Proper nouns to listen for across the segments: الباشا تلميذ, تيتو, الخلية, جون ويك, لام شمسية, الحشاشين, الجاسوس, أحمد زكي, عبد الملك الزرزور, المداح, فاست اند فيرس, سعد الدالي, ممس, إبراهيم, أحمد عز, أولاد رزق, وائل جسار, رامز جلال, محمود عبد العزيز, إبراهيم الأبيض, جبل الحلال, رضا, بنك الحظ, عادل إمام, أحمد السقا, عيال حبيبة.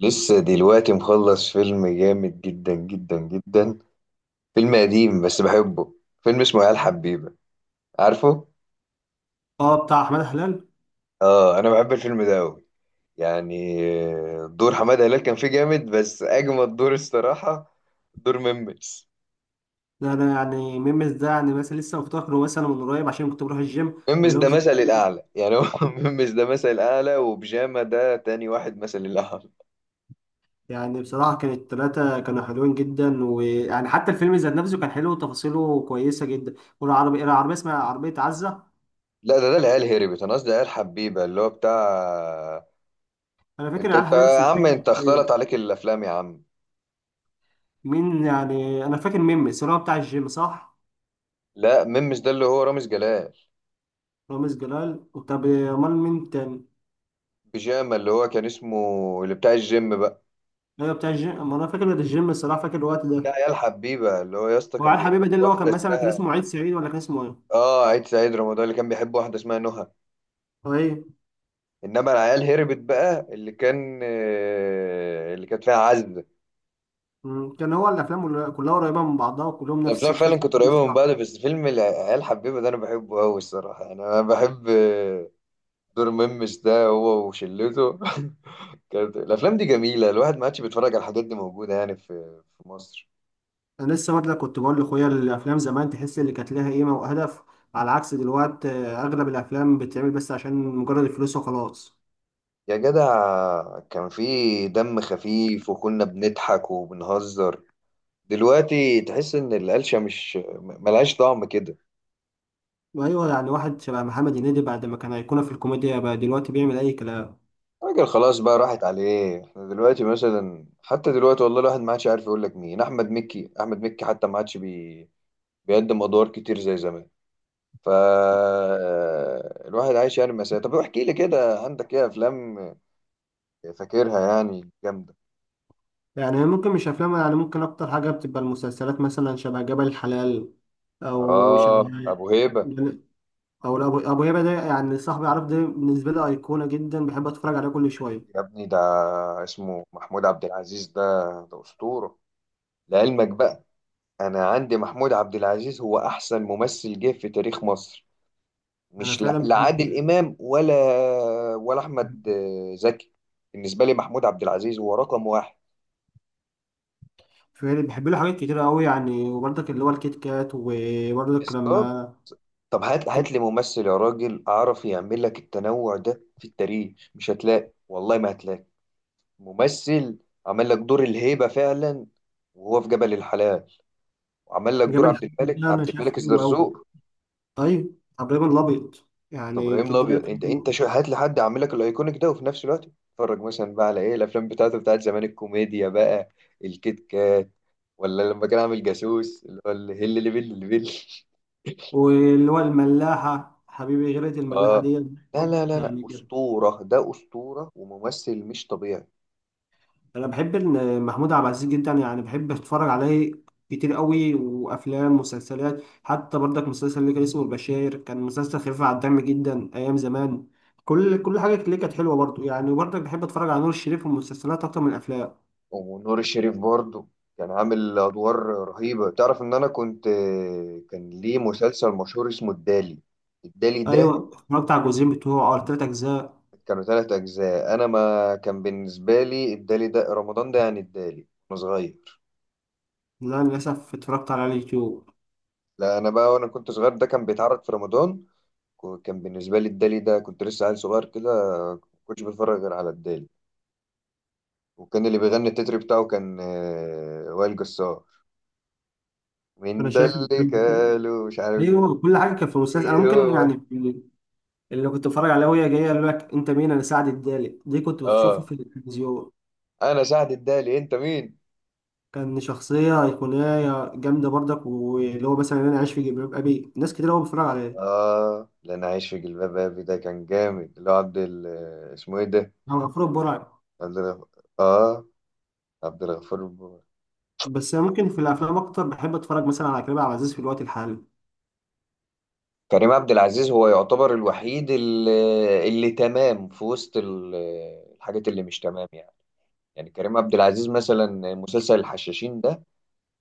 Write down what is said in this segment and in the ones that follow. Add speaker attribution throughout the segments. Speaker 1: لسه دلوقتي مخلص فيلم جامد جدا جدا جدا. فيلم قديم بس بحبه. فيلم اسمه عيال حبيبة. عارفه؟
Speaker 2: اه، بتاع احمد حلال.
Speaker 1: اه، انا بحب الفيلم ده قوي. يعني، دور حمادة هلال كان فيه جامد بس اجمد دور الصراحة. دور ممس.
Speaker 2: ده انا يعني ميمز ده يعني مثلا لسه مفتكره مثلا من قريب عشان كنت بروح الجيم
Speaker 1: ممس
Speaker 2: بقول لهم
Speaker 1: ده
Speaker 2: جيم.
Speaker 1: مثل الاعلى يعني هو ممس ده مثل الاعلى، وبجامة ده تاني واحد مثل الاعلى.
Speaker 2: يعني بصراحه كانت الثلاثه كانوا حلوين جدا، ويعني حتى الفيلم ذات نفسه كان حلو وتفاصيله كويسه جده. والعربيه اسمها عربيه عزه.
Speaker 1: لا، ده العيال هربت. انا قصدي عيال حبيبة اللي هو بتاع.
Speaker 2: انا فاكر
Speaker 1: انت
Speaker 2: العيال
Speaker 1: انت
Speaker 2: حبيبي
Speaker 1: يا
Speaker 2: بس مش
Speaker 1: عم، انت
Speaker 2: فاكر
Speaker 1: اختلط عليك الافلام يا عم.
Speaker 2: مين. يعني انا فاكر ميمز اللي هو بتاع الجيم، صح؟
Speaker 1: لا، ممس ده اللي هو رامز جلال.
Speaker 2: رامز جلال. طب امال مين تاني؟
Speaker 1: بيجامه اللي هو كان اسمه، اللي بتاع الجيم بقى.
Speaker 2: ايوه بتاع الجيم، أما انا فاكر الجيم الصراحه، فاكر الوقت
Speaker 1: يا
Speaker 2: ده.
Speaker 1: عيال حبيبه اللي هو يا اسطى
Speaker 2: وعلى
Speaker 1: كان بيحب
Speaker 2: الحبيبه ده اللي هو كان
Speaker 1: واحده
Speaker 2: مثلا كان
Speaker 1: اسمها.
Speaker 2: اسمه عيد سعيد، ولا كان اسمه
Speaker 1: اه، عيد سعيد رمضان اللي كان بيحب واحده اسمها نهى.
Speaker 2: ايه؟
Speaker 1: انما العيال هربت بقى اللي كانت فيها عزه.
Speaker 2: كان هو الافلام كلها قريبه من بعضها، وكلهم نفس
Speaker 1: الافلام فعلا
Speaker 2: الخفه
Speaker 1: كانت
Speaker 2: نفس
Speaker 1: قريبه من بعض،
Speaker 2: الراحه.
Speaker 1: بس فيلم العيال حبيبه ده انا بحبه قوي الصراحه. يعني انا بحب دور ميمس ده هو وشلته. كانت الافلام دي جميله، الواحد ما عادش بيتفرج على الحاجات دي موجوده يعني في مصر.
Speaker 2: انا لسه برضه كنت بقول لاخويا الافلام زمان تحس اللي كانت لها قيمه وهدف، على عكس دلوقتي اغلب الافلام بتتعمل بس عشان مجرد الفلوس وخلاص.
Speaker 1: يا جدع كان في دم خفيف وكنا بنضحك وبنهزر. دلوقتي تحس ان القلشة مش ملهاش طعم كده.
Speaker 2: وايوه يعني واحد شبه محمد هنيدي، بعد ما كان ايقونه في الكوميديا بقى دلوقتي بيعمل اي كلام.
Speaker 1: راجل خلاص بقى راحت عليه. احنا دلوقتي مثلا حتى دلوقتي والله الواحد ما عادش عارف يقول لك مين. احمد مكي، احمد مكي حتى ما عادش بيقدم ادوار كتير زي زمان. ف الواحد عايش يعني. مساء، طب احكي لي كده، عندك ايه افلام فاكرها يعني جامدة؟
Speaker 2: يعني ممكن مش افلام، يعني ممكن اكتر حاجه بتبقى المسلسلات مثلا شبه جبل الحلال، او شبه،
Speaker 1: اه، ابو هيبة.
Speaker 2: او ابو هيبه ده. يعني صاحبي، عارف، ده بالنسبه لي ايقونه جدا، بحب اتفرج عليه كل شويه.
Speaker 1: يا ابني ده اسمه محمود عبد العزيز. ده ده أسطورة لعلمك بقى. أنا عندي محمود عبد العزيز هو أحسن ممثل جه في تاريخ مصر.
Speaker 2: انا
Speaker 1: مش لا
Speaker 2: فعلا
Speaker 1: لا
Speaker 2: بحبه.
Speaker 1: عادل إمام، ولا ولا أحمد زكي. بالنسبة لي محمود عبد العزيز هو رقم واحد.
Speaker 2: فعلا بحب له حاجات كتير قوي، يعني وبرضك اللي هو الكيت كات، وبرضك
Speaker 1: بالظبط.
Speaker 2: لما
Speaker 1: طب هات
Speaker 2: كان
Speaker 1: هات لي ممثل يا راجل أعرف يعمل لك التنوع ده في التاريخ. مش هتلاقي، والله ما هتلاقي ممثل عمل لك دور الهيبة فعلا وهو في جبل الحلال، وعمل لك
Speaker 2: جاب
Speaker 1: دور عبد
Speaker 2: الحاجات
Speaker 1: الملك،
Speaker 2: ده انا
Speaker 1: عبد الملك
Speaker 2: شايفه حلو قوي.
Speaker 1: الزرزور.
Speaker 2: طيب ابراهيم الابيض يعني
Speaker 1: ابراهيم
Speaker 2: كده.
Speaker 1: الابيض انت شو، هات لي حد اعمل لك الايكونيك ده، وفي نفس الوقت اتفرج مثلا بقى على ايه الافلام بتاعته بتاعت زمان الكوميديا بقى. الكيت كات، ولا لما كان عامل جاسوس اللي هو الهل اللي بل اللي بل.
Speaker 2: واللي هو الملاحه حبيبي، غيرة الملاحه
Speaker 1: اه،
Speaker 2: دي.
Speaker 1: لا لا لا لا،
Speaker 2: يعني
Speaker 1: اسطوره ده اسطوره وممثل مش طبيعي.
Speaker 2: انا بحب ان محمود عبد العزيز جدا، يعني بحب اتفرج عليه كتير قوي. وافلام ومسلسلات حتى برضك، مسلسل اللي كان اسمه البشاير كان مسلسل خفيف على الدم جدا ايام زمان. كل حاجه اللي كانت حلوه برضه، يعني وبرضك بحب اتفرج على نور الشريف، والمسلسلات اكتر من الافلام.
Speaker 1: ونور الشريف برضه كان عامل ادوار رهيبه. تعرف ان انا كنت، كان ليه مسلسل مشهور اسمه الدالي. الدالي ده
Speaker 2: ايوه اتفرجت على الجزئين بتوعه او التلات اجزاء.
Speaker 1: كانوا ثلاث أجزاء. أنا ما كان بالنسبة لي الدالي ده رمضان ده، يعني الدالي وأنا صغير.
Speaker 2: لا للاسف اتفرجت على اليوتيوب.
Speaker 1: لا، أنا بقى وأنا كنت صغير ده كان بيتعرض في رمضان. كان بالنسبة لي الدالي ده كنت لسه عيل صغير كده. ما كنتش بتفرج غير على الدالي. وكان اللي بيغني التتر بتاعه كان وائل جسار. مين
Speaker 2: انا
Speaker 1: ده
Speaker 2: شايف
Speaker 1: اللي
Speaker 2: الفيلم
Speaker 1: قالوا مش عارف
Speaker 2: ايوه كل حاجه كانت في المسلسل انا
Speaker 1: ايه
Speaker 2: ممكن
Speaker 1: هو.
Speaker 2: يعني اللي كنت بتفرج عليه، وهي جايه يقول لك انت مين، انا سعد الدالي، دي كنت بشوفها
Speaker 1: اه،
Speaker 2: في التلفزيون.
Speaker 1: انا سعد الدالي، انت مين.
Speaker 2: كان شخصية أيقونية جامدة برضك، واللي هو مثلا أنا عايش في جلباب أبي، ناس كتير أوي بتتفرج عليه.
Speaker 1: اه، لا، انا عايش في جلباب ابي ده كان جامد. اللي هو اسمه ايه ده،
Speaker 2: أو غفور البرعي.
Speaker 1: عبد ال- اه، عبد الغفور.
Speaker 2: بس أنا ممكن في الأفلام أكتر بحب أتفرج مثلا على كريم عبد العزيز في الوقت الحالي.
Speaker 1: كريم عبد العزيز هو يعتبر الوحيد اللي تمام في وسط الحاجات اللي مش تمام يعني. يعني كريم عبد العزيز مثلا مسلسل الحشاشين ده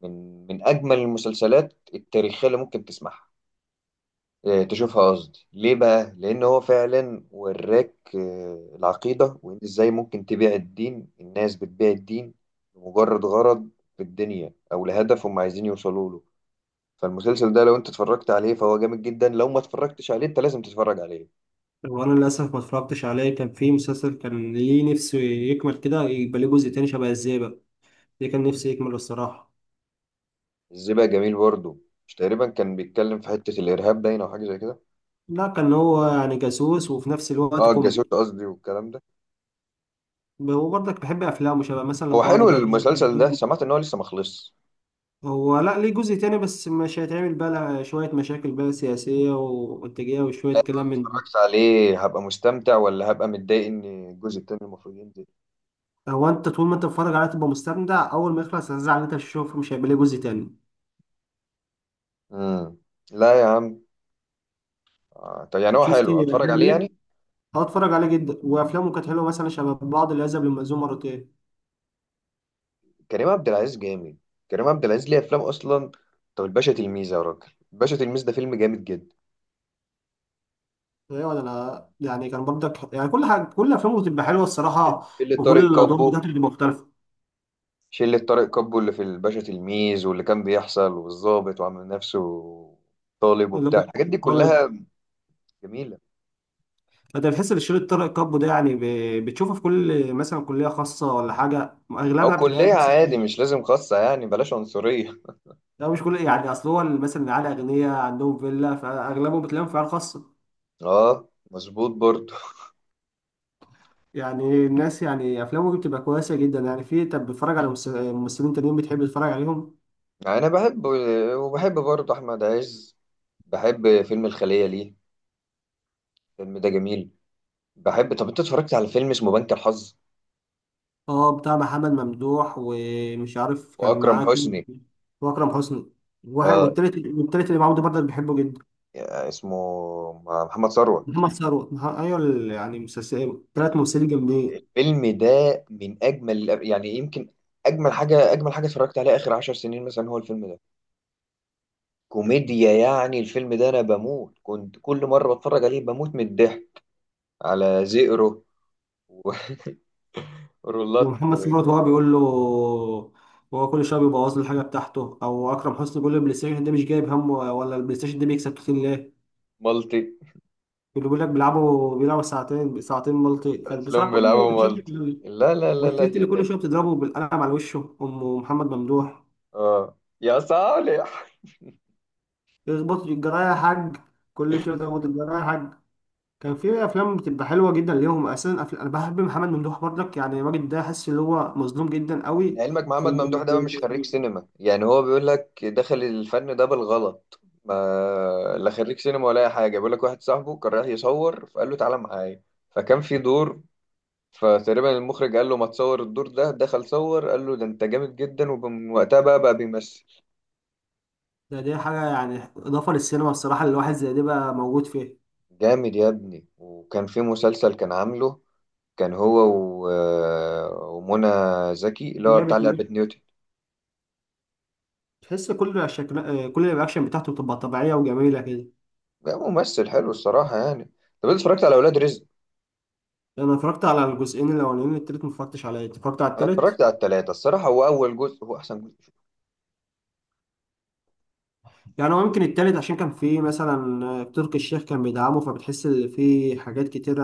Speaker 1: من اجمل المسلسلات التاريخيه اللي ممكن تسمعها، تشوفها قصدي ليه بقى؟ لان هو فعلا وراك العقيده، وان ازاي ممكن تبيع الدين. الناس بتبيع الدين لمجرد غرض في الدنيا او لهدف هم عايزين يوصلوا له. فالمسلسل ده لو انت اتفرجت عليه فهو جامد جدا، لو ما اتفرجتش عليه انت لازم تتفرج عليه.
Speaker 2: وأنا للأسف ما اتفرجتش عليه. كان في مسلسل كان ليه نفسه يكمل كده يبقى ليه جزء تاني شبه الزيبق، ده كان نفسي يكمل الصراحة.
Speaker 1: الزبق جميل برضه. مش تقريبا كان بيتكلم في حتة الارهاب باين او حاجة زي كده؟
Speaker 2: لا كان هو يعني جاسوس وفي نفس الوقت
Speaker 1: اه، الجاسوس
Speaker 2: كوميدي.
Speaker 1: قصدي والكلام ده.
Speaker 2: وبرضك بحب أفلامه شبه مثلا
Speaker 1: هو
Speaker 2: بعض
Speaker 1: حلو
Speaker 2: اللي هي
Speaker 1: المسلسل ده، سمعت ان هو لسه ما خلصش.
Speaker 2: هو. لا ليه جزء تاني بس مش هيتعمل، بقى لها شوية مشاكل بقى سياسية وانتاجية
Speaker 1: يعني لو
Speaker 2: وشوية كلام
Speaker 1: أنا
Speaker 2: من ده.
Speaker 1: اتفرجت عليه هبقى مستمتع ولا هبقى متضايق ان الجزء التاني المفروض ينزل؟
Speaker 2: هو انت طول ما انت بتتفرج عليه تبقى مستمتع، اول ما يخلص هتزعل ان انت مش هتشوف، مش هيبقى ليه جزء تاني.
Speaker 1: امم. لا يا عم. آه. طب يعني هو
Speaker 2: شفت
Speaker 1: حلو اتفرج
Speaker 2: افلام
Speaker 1: عليه يعني.
Speaker 2: ايه؟ اه اتفرج عليه جدا، وافلامه كانت حلوه مثلا شبه بعض اللي ذهب للمأذون مرتين.
Speaker 1: كريم عبد العزيز جامد. كريم عبد العزيز ليه افلام اصلا. طب الباشا تلميذ يا راجل، الباشا تلميذ ده فيلم جامد جدا.
Speaker 2: ايه ولا انا يعني كان برضك يعني كل حاجه، كل افلامه بتبقى حلوه الصراحه،
Speaker 1: اللي
Speaker 2: وكل
Speaker 1: طارق
Speaker 2: الادوار
Speaker 1: كابو،
Speaker 2: بتاعته بتبقى مختلفه.
Speaker 1: شلة طارق كابو اللي في الباشا تلميذ، واللي كان بيحصل والظابط وعامل نفسه طالب
Speaker 2: اللي
Speaker 1: وبتاع الحاجات دي
Speaker 2: هو طالب.
Speaker 1: كلها. جميلة.
Speaker 2: انت بتحس ان شريط طارق كابو ده يعني بتشوفه في كل مثلا كليه خاصه ولا حاجه،
Speaker 1: أو
Speaker 2: اغلبها بتلاقيها
Speaker 1: كلية
Speaker 2: نفس
Speaker 1: عادي
Speaker 2: الشريط.
Speaker 1: مش لازم خاصة، يعني بلاش عنصرية.
Speaker 2: لا مش كل يعني، اصل هو مثلا العيال اغنياء عندهم فيلا، فاغلبهم بتلاقيهم في عيال خاصه.
Speaker 1: اه، مظبوط برضه.
Speaker 2: يعني الناس يعني افلامهم بتبقى كويسه جدا يعني. في، طب بتتفرج على ممثلين تانيين بتحب تتفرج عليهم؟
Speaker 1: يعني أنا بحب، وبحب برضه أحمد عز. بحب فيلم الخلية، ليه الفيلم ده جميل. بحب، طب أنت اتفرجت على فيلم اسمه بنك الحظ
Speaker 2: اه بتاع محمد ممدوح ومش عارف كان
Speaker 1: وأكرم
Speaker 2: معاه كلب.
Speaker 1: حسني؟
Speaker 2: واكرم حسني. واحد
Speaker 1: اه،
Speaker 2: والتالت اللي معاهم ده برضه بحبه جدا.
Speaker 1: اسمه محمد ثروت.
Speaker 2: محمد ثروت، ايوه يعني مسلسل تلات ممثلين جامدين.
Speaker 1: الفيلم ده من اجمل يعني يمكن اجمل حاجه اتفرجت عليها اخر عشر سنين مثلا هو الفيلم ده. كوميديا، يعني الفيلم ده انا بموت، كنت كل مره بتفرج عليه بموت من الضحك. على زئرو و- ورولات.
Speaker 2: ومحمد صلاح برضه هو بيقول له، هو كل شويه بيبوظ له الحاجه بتاعته، او اكرم حسني بيقول له البلاي ستيشن ده مش جايب همه، ولا البلاي ستيشن ده بيكسب كتير ليه؟
Speaker 1: مالتي.
Speaker 2: اللي بيقول لك بيلعبوا بيلعبوا ساعتين ساعتين مالتي، كان
Speaker 1: افلام
Speaker 2: بصراحه كل
Speaker 1: بيلعبوا مالتي، لا لا لا لا
Speaker 2: والتيت اللي كل
Speaker 1: لا.
Speaker 2: شويه بتضربه بالقلم على وشه ام محمد ممدوح.
Speaker 1: اه يا صالح.
Speaker 2: يخبط الجرايه يا حاج. كل شويه بيخبط الجرايه يا حاج. كان في افلام بتبقى حلوه جدا ليهم اساسا. انا بحب محمد ممدوح برضك، يعني الراجل ده حاسس ان هو مظلوم جدا قوي
Speaker 1: لعلمك
Speaker 2: في
Speaker 1: محمد ممدوح ده مش خريج سينما، يعني هو بيقول لك دخل الفن ده بالغلط. ما لا خريج سينما ولا اي حاجه. بيقول لك واحد صاحبه كان رايح يصور فقال له تعالى معايا، فكان في دور، فتقريبا المخرج قال له ما تصور الدور ده، دخل صور قال له ده انت جامد جدا. ومن وقتها بقى بيمثل.
Speaker 2: ده. دي حاجة يعني إضافة للسينما الصراحة، اللي الواحد زي دي بقى موجود فيها.
Speaker 1: جامد يا ابني. وكان في مسلسل كان عامله، كان هو و... آه، ومنى زكي، اللي هو بتاع
Speaker 2: لعبة ميوت.
Speaker 1: لعبة نيوتن.
Speaker 2: تحس كل شكل، كل الرياكشن بتاعته بتبقى طبيعية وجميلة كده.
Speaker 1: ده ممثل حلو الصراحة يعني. طب انت اتفرجت على أولاد رزق؟
Speaker 2: أنا اتفرجت على الجزئين الأولانيين، التالت ما اتفرجتش عليه. أنت اتفرجت على
Speaker 1: انا
Speaker 2: التالت؟
Speaker 1: اتفرجت على التلاتة الصراحة. هو اول جزء هو احسن جزء.
Speaker 2: يعني هو يمكن التالت عشان كان فيه مثلا تركي الشيخ كان بيدعمه، فبتحس إن فيه حاجات كتيرة،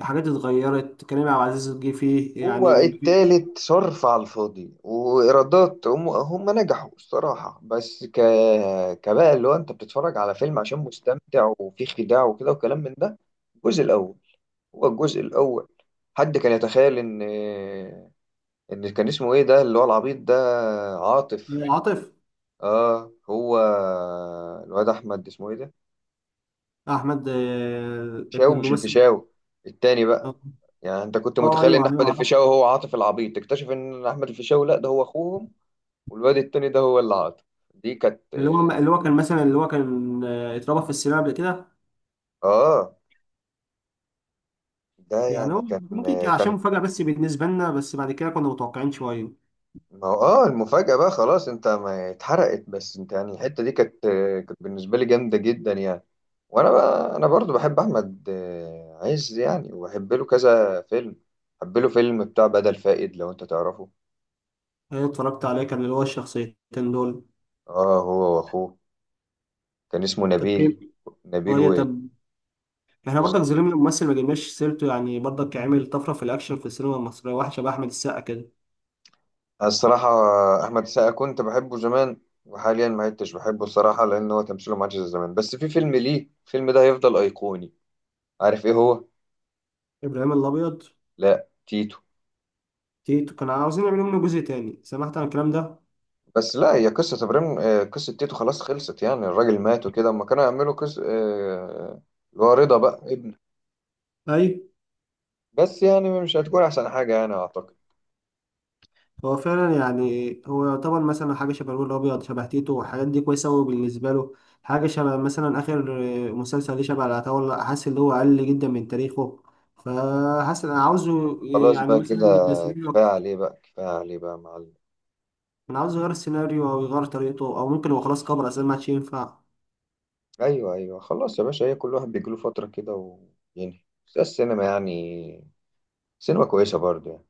Speaker 2: حاجات اتغيرت، كريم عبد العزيز جه فيه
Speaker 1: هو
Speaker 2: يعني
Speaker 1: التالت صرف على الفاضي، وايرادات هم نجحوا الصراحة. بس كبقى اللي هو انت بتتفرج على فيلم عشان مستمتع وفيه خداع وكده وكلام من ده. الجزء الاول، هو الجزء الاول حد كان يتخيل ان كان اسمه ايه ده اللي هو العبيط ده؟ عاطف.
Speaker 2: عاطف.
Speaker 1: اه هو الواد احمد اسمه ايه ده
Speaker 2: أحمد، ابن
Speaker 1: الفيشاوي، مش
Speaker 2: الممثل.
Speaker 1: الفيشاوي التاني بقى.
Speaker 2: اه.
Speaker 1: يعني انت كنت متخيل ان
Speaker 2: ايوه
Speaker 1: احمد
Speaker 2: ايوه عرفت.
Speaker 1: الفيشاوي هو عاطف العبيط. تكتشف ان احمد الفيشاوي لا، ده هو اخوهم. والواد التاني ده هو اللي عاطف. دي كانت
Speaker 2: اللي هو اللي هو كان مثلا اللي هو كان آه، اتربى في السينما قبل كده.
Speaker 1: آه، ده
Speaker 2: يعني
Speaker 1: يعني
Speaker 2: هو
Speaker 1: كان
Speaker 2: ممكن كان
Speaker 1: كان
Speaker 2: عشان مفاجأة بس بالنسبة لنا، بس بعد كده كنا متوقعين شوية.
Speaker 1: ما هو المفاجأة بقى خلاص انت ما اتحرقت. بس انت يعني الحتة دي كانت بالنسبة لي جامدة جدا يعني. وانا بقى انا برضو بحب احمد عز يعني. وبحب له كذا فيلم. بحب له فيلم بتاع بدل فائد لو انت تعرفه.
Speaker 2: أنا اتفرجت عليه كان اللي هو الشخصيتين دول.
Speaker 1: اه، هو واخوه. كان اسمه
Speaker 2: طب كيف؟
Speaker 1: نبيل
Speaker 2: طب احنا
Speaker 1: و...
Speaker 2: برضك ظلمنا الممثل ما جبناش سيرته، يعني برضك عمل طفرة في الأكشن في السينما المصرية، واحد شبه أحمد السقا كده.
Speaker 1: الصراحة. أحمد السقا كنت بحبه زمان، وحاليا ما عدتش بحبه الصراحة، لأن هو تمثيله ما عادش زي زمان. بس في فيلم ليه الفيلم ده هيفضل أيقوني. عارف إيه هو؟
Speaker 2: إبراهيم الأبيض.
Speaker 1: لا، تيتو.
Speaker 2: تيتو كانوا عاوزين يعملوا منه جزء تاني، سمعت عن الكلام ده؟
Speaker 1: بس لا، هي قصة إبراهيم آه، قصة تيتو خلاص خلصت، يعني الراجل مات وكده. أما كانوا يعملوا قصة اللي هو رضا بقى ابنه.
Speaker 2: أيوه.
Speaker 1: بس يعني مش هتكون أحسن حاجة يعني أعتقد.
Speaker 2: هو فعلا يعني هو يعتبر مثلا حاجة شبه الولد الأبيض، شبه تيتو، والحاجات دي كويسة أوي بالنسبة له. حاجة شبه مثلا آخر مسلسل ليه شبه العتاولة، حاسس إن هو أقل جدا من تاريخه. فحاسس أنا عاوزه
Speaker 1: خلاص
Speaker 2: يعني
Speaker 1: بقى كده،
Speaker 2: مثلا يبقى سيناريو
Speaker 1: كفاية
Speaker 2: أكتر.
Speaker 1: عليه بقى كفاية عليه بقى يا معلم.
Speaker 2: أنا عاوز يغير السيناريو أو يغير طريقته، أو ممكن هو خلاص كبر أساسا ما عادش ينفع.
Speaker 1: أيوه أيوه خلاص يا باشا، هي كل واحد بيجيله فترة كده وينهي. بس السينما يعني سينما كويسة برضه يعني.